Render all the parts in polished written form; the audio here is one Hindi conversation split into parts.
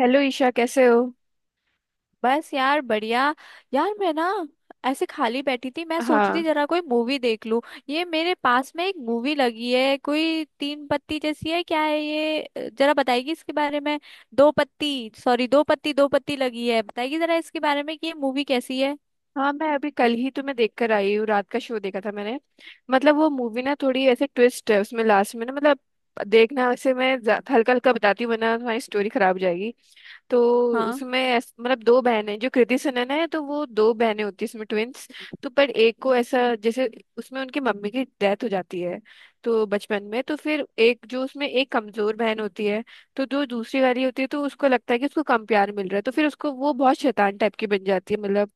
हेलो ईशा, कैसे हो? बस यार बढ़िया। यार मैं ना ऐसे खाली बैठी थी। मैं सोची थी हाँ, जरा कोई मूवी देख लूं। ये मेरे पास में एक मूवी लगी है, कोई तीन पत्ती जैसी है, क्या है ये? जरा बताएगी इसके बारे में। दो पत्ती, सॉरी, दो पत्ती, दो पत्ती लगी है, बताएगी जरा इसके बारे में कि ये मूवी कैसी है। हाँ। मैं अभी कल ही तुम्हें देखकर आई हूँ, रात का शो देखा था मैंने। मतलब वो मूवी ना थोड़ी ऐसे ट्विस्ट है उसमें लास्ट में ना, मतलब देखना। वैसे मैं हल्का हल्का बताती हूँ वरना तुम्हारी स्टोरी खराब हो जाएगी। तो हाँ। उसमें मतलब दो बहनें, जो कृति सनन है, तो वो दो बहनें होती है इसमें, ट्विंस। तो पर एक को ऐसा जैसे, उसमें उनकी मम्मी की डेथ हो जाती है तो बचपन में। तो फिर एक जो उसमें एक कमजोर बहन होती है, तो जो दूसरी वाली होती है, तो उसको लगता है कि उसको कम प्यार मिल रहा है, तो फिर उसको वो बहुत शैतान टाइप की बन जाती है, मतलब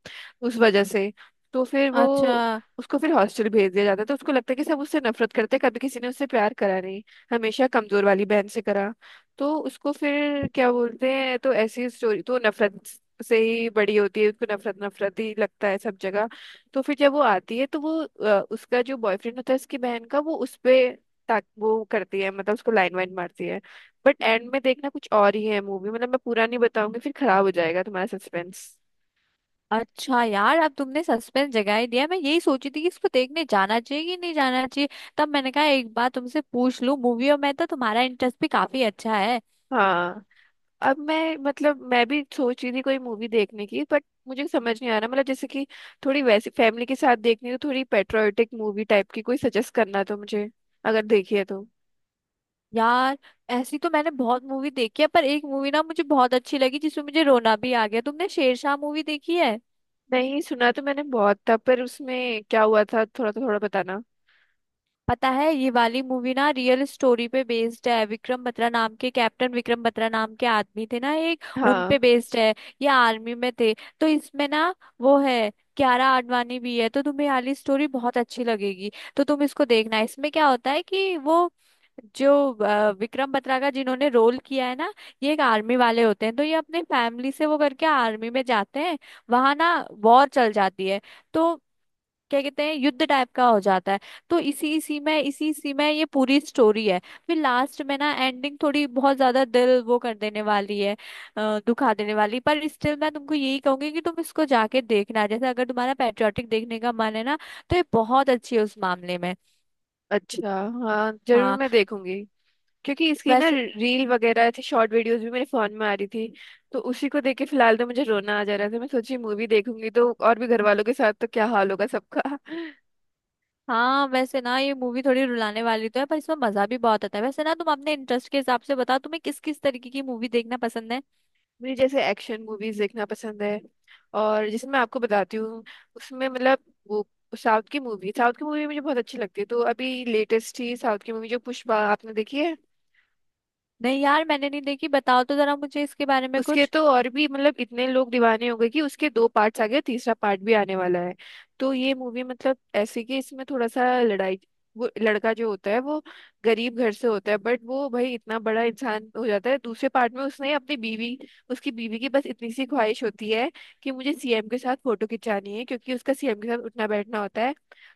उस वजह से। तो फिर वो, अच्छा। उसको फिर हॉस्टल भेज दिया जाता है, तो उसको लगता है कि सब उससे नफरत करते हैं, कभी किसी ने उससे प्यार करा नहीं, हमेशा कमजोर वाली बहन से करा। तो उसको फिर क्या बोलते हैं, तो ऐसी स्टोरी, तो नफरत से ही बड़ी होती है, उसको नफरत नफरत ही लगता है सब जगह। तो फिर जब वो आती है, तो वो उसका जो बॉयफ्रेंड होता है उसकी बहन का, वो उस पे ताक वो करती है, मतलब उसको लाइन वाइन मारती है। बट एंड में देखना कुछ और ही है मूवी, मतलब मैं पूरा नहीं बताऊंगी फिर खराब हो जाएगा तुम्हारा सस्पेंस। अच्छा यार, अब तुमने सस्पेंस जगा ही दिया। मैं यही सोची थी कि इसको देखने जाना चाहिए कि नहीं जाना चाहिए। तब मैंने कहा एक बार तुमसे पूछ लूं मूवी, और मैं तो, तुम्हारा इंटरेस्ट भी काफी अच्छा है। हाँ। अब मैं, मतलब मैं भी सोच रही थी कोई मूवी देखने की, बट मुझे समझ नहीं आ रहा, मतलब जैसे कि थोड़ी वैसी फैमिली के साथ देखनी, तो थोड़ी पेट्रियोटिक मूवी टाइप की कोई सजेस्ट करना तो मुझे, अगर देखिए तो। यार, ऐसी तो मैंने बहुत मूवी देखी है, पर एक मूवी ना मुझे बहुत अच्छी लगी जिसमें मुझे रोना भी आ गया। तुमने शेरशाह मूवी देखी है? नहीं, सुना तो मैंने बहुत था, पर उसमें क्या हुआ था थोड़ा, तो थोड़ा बताना। पता है, ये वाली मूवी ना रियल स्टोरी पे बेस्ड है। विक्रम बत्रा नाम के, कैप्टन विक्रम बत्रा नाम के आदमी थे ना एक, उन हाँ, पे बेस्ड है। ये आर्मी में थे। तो इसमें ना वो है, कियारा आडवाणी भी है। तो तुम्हें वाली स्टोरी बहुत अच्छी लगेगी। तो तुम इसको देखना। इसमें क्या होता है कि वो जो विक्रम बत्रा का जिन्होंने रोल किया है ना, ये एक आर्मी वाले होते हैं। तो ये अपने फैमिली से वो करके आर्मी में जाते हैं। वहां ना वॉर चल जाती है। तो क्या कहते हैं, युद्ध टाइप का हो जाता है। तो इसी इसी में ये पूरी स्टोरी है। फिर लास्ट में ना एंडिंग थोड़ी बहुत ज्यादा दिल वो कर देने वाली है, दुखा देने वाली। पर स्टिल मैं तुमको यही कहूंगी कि तुम इसको जाके देखना। जैसे अगर तुम्हारा पैट्रियोटिक देखने का मन है ना, तो ये बहुत अच्छी है उस मामले में। अच्छा। हाँ जरूर, हाँ। मैं देखूंगी। क्योंकि इसकी ना वैसे रील वगैरह थी, शॉर्ट वीडियोस भी मेरे फोन में आ रही थी। तो उसी को देख के फिलहाल तो मुझे रोना आ जा रहा था, मैं सोची मूवी देखूंगी तो और भी घर वालों के साथ तो क्या हाल होगा सबका। हाँ, वैसे ना ये मूवी थोड़ी रुलाने वाली तो है, पर इसमें मजा भी बहुत आता है। वैसे ना तुम अपने इंटरेस्ट के हिसाब से बताओ, तुम्हें किस किस तरीके की मूवी देखना पसंद है? मुझे जैसे एक्शन मूवीज देखना पसंद है, और जैसे मैं आपको बताती हूँ उसमें, मतलब वो साउथ की मूवी, साउथ की मूवी मुझे बहुत अच्छी लगती है। तो अभी लेटेस्ट ही साउथ की मूवी, जो पुष्पा, आपने देखी है? नहीं यार, मैंने नहीं देखी। बताओ तो जरा मुझे इसके बारे में उसके कुछ। तो और भी, मतलब इतने लोग दीवाने हो गए कि उसके दो पार्ट्स आ गए, तीसरा पार्ट भी आने वाला है। तो ये मूवी, मतलब ऐसे कि इसमें थोड़ा सा लड़ाई, वो लड़का जो होता है वो गरीब घर से होता है, बट वो भाई इतना बड़ा इंसान हो जाता है दूसरे पार्ट में। उसने अपनी बीवी, उसकी बीवी की बस इतनी सी ख्वाहिश होती है कि मुझे सीएम के साथ फोटो खिंचानी है, क्योंकि उसका सीएम के साथ उठना बैठना होता है।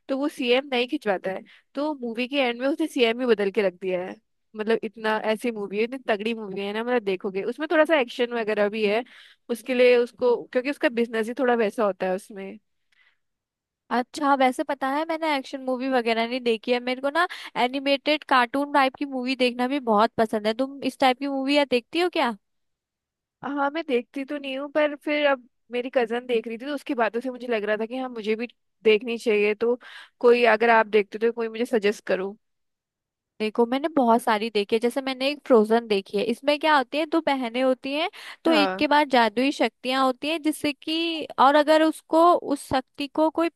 तो वो सीएम नहीं खिंचवाता है, तो मूवी के एंड में उसने सीएम ही बदल के रख दिया है। मतलब इतना, ऐसी मूवी है, इतनी तगड़ी मूवी है ना, मतलब देखोगे। उसमें थोड़ा सा एक्शन वगैरह भी है, उसके लिए उसको, क्योंकि उसका बिजनेस ही थोड़ा वैसा होता है उसमें। अच्छा, वैसे पता है मैंने एक्शन मूवी वगैरह नहीं देखी है। मेरे को ना एनिमेटेड कार्टून टाइप की मूवी देखना भी बहुत पसंद है। तुम इस टाइप की मूवी या देखती हो क्या? हाँ, मैं देखती तो नहीं हूँ, पर फिर अब मेरी कजन देख रही थी, तो उसकी बातों से मुझे लग रहा था कि हाँ, मुझे भी देखनी चाहिए। तो कोई अगर आप देखते हो तो कोई मुझे सजेस्ट करो। देखो, मैंने बहुत सारी देखी है। जैसे मैंने एक फ्रोजन देखी है। इसमें क्या होती है, दो बहनें होती हैं। तो एक हाँ, के पास जादुई शक्तियां होती हैं जिससे कि, और अगर उसको उस शक्ति को कोई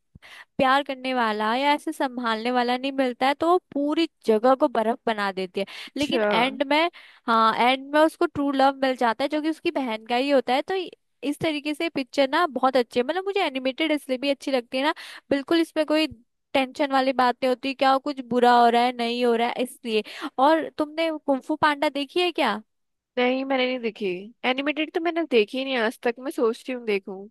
प्यार करने वाला या ऐसे संभालने वाला नहीं मिलता है, तो वो पूरी जगह को बर्फ बना देती है। लेकिन अच्छा। एंड में, हाँ एंड में उसको ट्रू लव मिल जाता है जो कि उसकी बहन का ही होता है। तो इस तरीके से पिक्चर ना बहुत अच्छी है। मतलब मुझे एनिमेटेड इसलिए भी अच्छी लगती है ना, बिल्कुल इसमें कोई टेंशन वाली बात नहीं होती क्या कुछ बुरा हो रहा है, नहीं हो रहा है, इसलिए। और तुमने कुंफू पांडा देखी है क्या? नहीं, मैंने नहीं देखी, एनिमेटेड तो मैंने देखी ही नहीं आज तक, मैं सोचती हूँ देखूँ।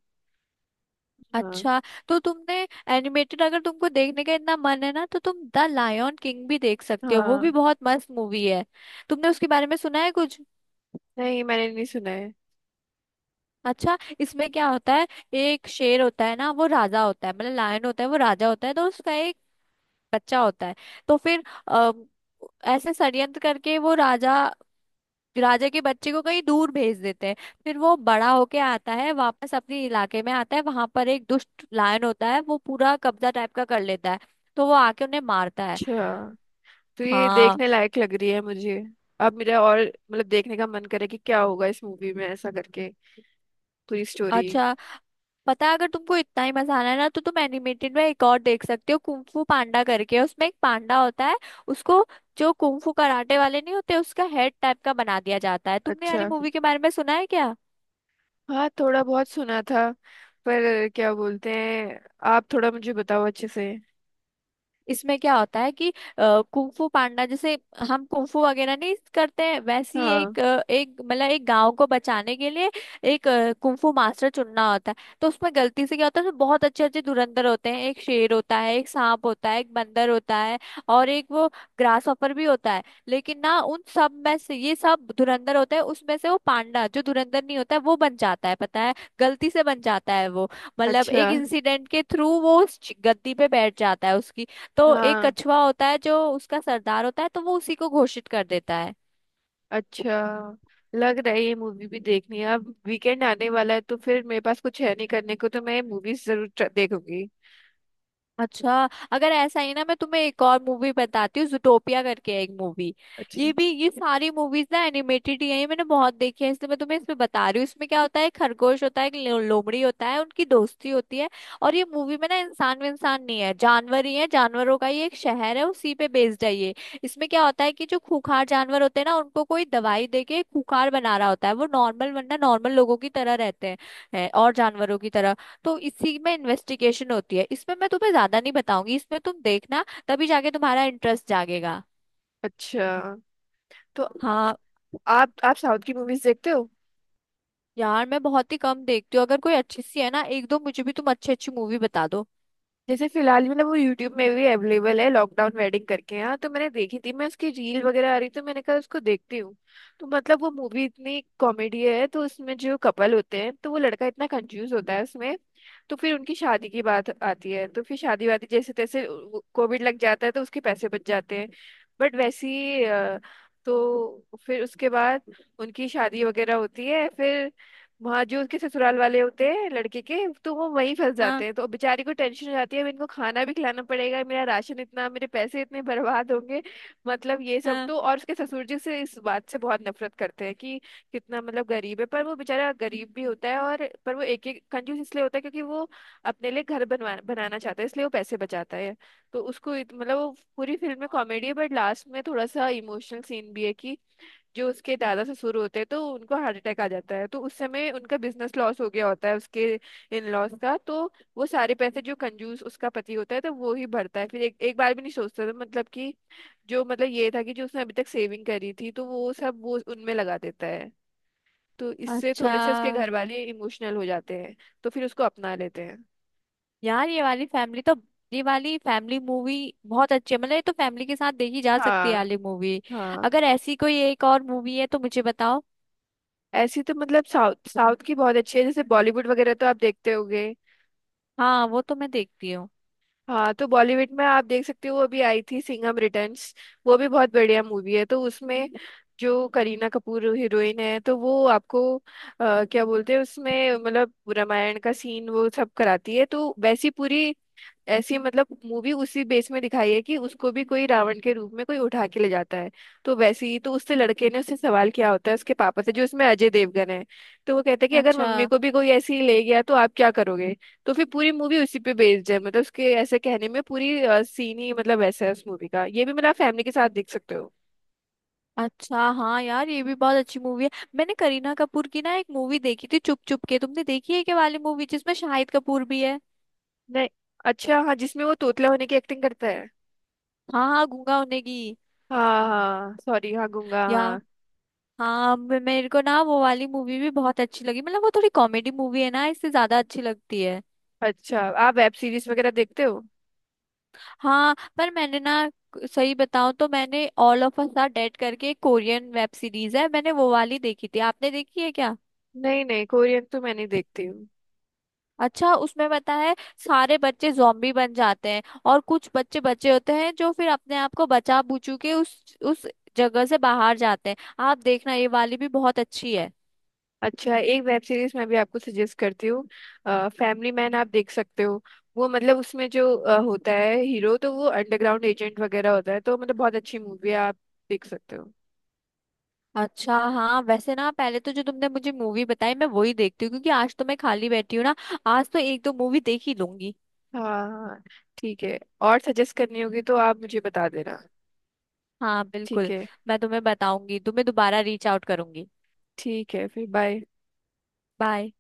हाँ। अच्छा। तो तुमने एनिमेटेड अगर तुमको देखने का इतना मन है ना, तो तुम द लायन किंग भी देख सकते हो। वो भी हाँ, बहुत मस्त मूवी है। तुमने उसके बारे में सुना है कुछ? नहीं मैंने नहीं सुना है। अच्छा, इसमें क्या होता है, एक शेर होता है ना, वो राजा होता है, मतलब लायन होता है, वो राजा होता है। तो उसका एक बच्चा होता है। तो फिर ऐसे षड्यंत्र करके वो राजा, राजा के बच्चे को कहीं दूर भेज देते हैं। फिर वो बड़ा होके आता है, वापस अपने इलाके में आता है। वहां पर एक दुष्ट लायन होता है, वो पूरा कब्जा टाइप का कर लेता है। तो वो आके उन्हें मारता है। अच्छा, तो ये हाँ। देखने लायक लग रही है मुझे। अब मेरा और मतलब देखने का मन करे कि क्या होगा इस मूवी में, ऐसा करके पूरी स्टोरी। अच्छा, पता है अगर तुमको इतना ही मजा आना है ना, तो तुम एनिमेटेड में एक और देख सकते हो, कुंग फू पांडा करके। उसमें एक पांडा होता है, उसको जो कुंग फू कराटे वाले नहीं होते, उसका हेड टाइप का बना दिया जाता है। तुमने वाली अच्छा, मूवी के बारे में सुना है क्या? हाँ थोड़ा बहुत सुना था, पर क्या बोलते हैं, आप थोड़ा मुझे बताओ अच्छे से। इसमें क्या होता है कि कुंफू पांडा जैसे, हम कुंफू वगैरह नहीं करते हैं वैसी, हाँ, एक एक मतलब एक गांव को बचाने के लिए एक कुंफू मास्टर चुनना होता है। तो उसमें गलती से क्या होता है, उसमें बहुत अच्छे अच्छे धुरंधर होते हैं। एक शेर होता है, एक सांप होता है, एक बंदर होता है, और एक वो ग्रास हॉपर भी होता है। लेकिन ना उन सब में से ये सब धुरंधर होते हैं, उसमें से वो पांडा जो धुरंधर नहीं होता है वो बन जाता है। पता है, गलती से बन जाता है वो। मतलब एक अच्छा, इंसिडेंट के थ्रू वो उस गद्दी पे बैठ जाता है उसकी। तो एक हाँ, कछुआ होता है जो उसका सरदार होता है, तो वो उसी को घोषित कर देता है। अच्छा लग रहा है, ये मूवी भी देखनी है। अब वीकेंड आने वाला है, तो फिर मेरे पास कुछ है नहीं करने को, तो मैं मूवीज जरूर देखूंगी। अच्छा, अगर ऐसा ही ना मैं तुम्हें एक और मूवी बताती हूँ, जूटोपिया करके है एक मूवी। अच्छा, ये भी, ये सारी मूवीज ना एनिमेटेड ही है, ये मैंने बहुत देखी है इसलिए मैं तुम्हें इसमें बता रही हूँ। इसमें क्या होता है, एक खरगोश होता है, एक लोमड़ी होता है, उनकी दोस्ती होती है। और ये मूवी में ना इंसान, में इंसान नहीं है, जानवर ही है, जानवरों का ये एक शहर है, उसी पे बेस्ड है ये। इसमें क्या होता है कि जो खूंखार जानवर होते हैं ना, उनको कोई दवाई दे के खूंखार बना रहा होता है। वो नॉर्मल, वरना नॉर्मल लोगों की तरह रहते हैं, और जानवरों की तरह। तो इसी में इन्वेस्टिगेशन होती है। इसमें मैं तुम्हें ज्यादा नहीं बताऊंगी, इसमें तुम देखना, तभी जाके तुम्हारा इंटरेस्ट जागेगा। अच्छा। तो हाँ। आप साउथ की मूवीज देखते हो? यार मैं बहुत ही कम देखती हूँ। अगर कोई अच्छी सी है ना, एक दो मुझे भी तुम अच्छी अच्छी मूवी बता दो। जैसे फिलहाल, मतलब वो यूट्यूब में भी अवेलेबल है, लॉकडाउन वेडिंग करके, यहाँ तो मैंने देखी थी, मैं उसकी रील वगैरह आ रही तो मैंने कहा उसको देखती हूँ। तो मतलब वो मूवी इतनी कॉमेडी है, तो उसमें जो कपल होते हैं, तो वो लड़का इतना कंफ्यूज होता है उसमें। तो फिर उनकी शादी की बात आती है, तो फिर शादी वादी जैसे तैसे, कोविड लग जाता है, तो उसके पैसे बच जाते हैं, बट वैसी तो फिर उसके बाद उनकी शादी वगैरह होती है, फिर वहाँ जो उसके ससुराल वाले होते हैं लड़के के, तो वो वहीं फंस जाते हाँ। हैं, तो बेचारी को टेंशन हो जाती है, अब इनको खाना भी खिलाना पड़ेगा, मेरा राशन इतना, मेरे पैसे इतने बर्बाद होंगे, मतलब ये सब। हाँ। तो और उसके ससुर जी से इस बात से बहुत नफरत करते हैं कि कितना, मतलब गरीब है, पर वो बेचारा गरीब भी होता है, और पर वो एक एक कंजूस इसलिए होता है क्योंकि वो अपने लिए घर बनवा बनाना चाहता है, इसलिए वो पैसे बचाता है। तो उसको मतलब वो पूरी फिल्म में कॉमेडी है, बट लास्ट में थोड़ा सा इमोशनल सीन भी है कि जो उसके दादा से शुरू होते हैं, तो उनको हार्ट अटैक आ जाता है, तो उस समय उनका बिजनेस लॉस हो गया होता है, उसके इन लॉस का, तो वो सारे पैसे जो कंजूस उसका पति होता है, तो वो ही भरता है, फिर एक एक बार भी नहीं सोचता था, मतलब कि जो, मतलब ये था कि जो उसने अभी तक सेविंग करी थी, तो वो सब वो उनमें लगा देता है। तो इससे अच्छा थोड़े से उसके घर वाले इमोशनल हो जाते हैं, तो फिर उसको अपना लेते हैं। यार, ये वाली फैमिली तो, ये वाली फैमिली मूवी बहुत अच्छी है। मतलब ये तो फैमिली के साथ देखी जा सकती है ये हाँ, वाली मूवी। हाँ। अगर ऐसी कोई एक और मूवी है तो मुझे बताओ। ऐसी तो, मतलब साउथ साउथ की बहुत अच्छी है, जैसे बॉलीवुड वगैरह तो आप देखते होगे। हाँ, वो तो मैं देखती हूँ। हाँ, तो बॉलीवुड में आप देख सकते हो, अभी आई थी सिंघम रिटर्न्स, वो भी बहुत बढ़िया मूवी है। तो उसमें जो करीना कपूर हीरोइन है, तो वो आपको, क्या बोलते हैं, उसमें मतलब रामायण का सीन वो सब कराती है, तो वैसी पूरी, ऐसी मतलब मूवी उसी बेस में दिखाई है कि उसको भी कोई रावण के रूप में कोई उठा के ले जाता है। तो वैसे ही, तो उससे लड़के ने उससे सवाल किया होता है उसके पापा से, जो इसमें अजय देवगन है, तो वो कहते हैं कि अगर अच्छा। मम्मी को भी कोई ऐसे ही ले गया तो आप क्या करोगे। तो फिर पूरी मूवी उसी पे बेस्ड है, मतलब उसके ऐसे कहने में पूरी सीन ही, मतलब ऐसा है उस मूवी का, ये भी मतलब आप फैमिली के साथ देख सकते हो। अच्छा हाँ यार, ये भी बहुत अच्छी मूवी है। मैंने करीना कपूर की ना एक मूवी देखी थी, चुप चुप के, तुमने देखी है क्या वाली मूवी जिसमें शाहिद कपूर भी है? नहीं। अच्छा हाँ, जिसमें वो तोतला होने की एक्टिंग करता है। हाँ हाँ, गूंगा होने की। हाँ, हाँ, सॉरी, हाँ गूंगा, यार, हाँ। हाँ मेरे को ना वो वाली मूवी भी बहुत अच्छी लगी। मतलब वो थोड़ी कॉमेडी मूवी है ना, इससे ज्यादा अच्छी लगती है। अच्छा, आप वेब सीरीज वगैरह देखते हो? हाँ, पर मैंने ना, सही बताऊं तो मैंने All of Us Are Dead करके एक कोरियन वेब सीरीज है, मैंने वो वाली देखी थी। आपने देखी है क्या? नहीं, नहीं, कोरियन तो मैं नहीं देखती हूँ। अच्छा, उसमें पता है सारे बच्चे जॉम्बी बन जाते हैं, और कुछ बच्चे बचे होते हैं जो फिर अपने आप को बचा बुचू के उस जगह से बाहर जाते हैं। आप देखना ये वाली भी बहुत अच्छी है। अच्छा, एक वेब सीरीज मैं भी आपको सजेस्ट करती हूँ, फैमिली मैन, आप देख सकते हो। वो, मतलब उसमें जो होता है हीरो, तो वो अंडरग्राउंड एजेंट वगैरह होता है, तो मतलब बहुत अच्छी मूवी है, आप देख सकते हो। अच्छा हाँ, वैसे ना पहले तो जो तुमने मुझे मूवी बताई मैं वही देखती हूँ, क्योंकि आज तो मैं खाली बैठी हूँ ना, आज तो एक दो मूवी देख ही लूंगी। हाँ, हाँ। ठीक है, और सजेस्ट करनी होगी तो आप मुझे बता देना। हाँ ठीक बिल्कुल। है। मैं तुम्हें बताऊंगी, तुम्हें दोबारा रीच आउट करूंगी। ठीक है, फिर बाय। बाय।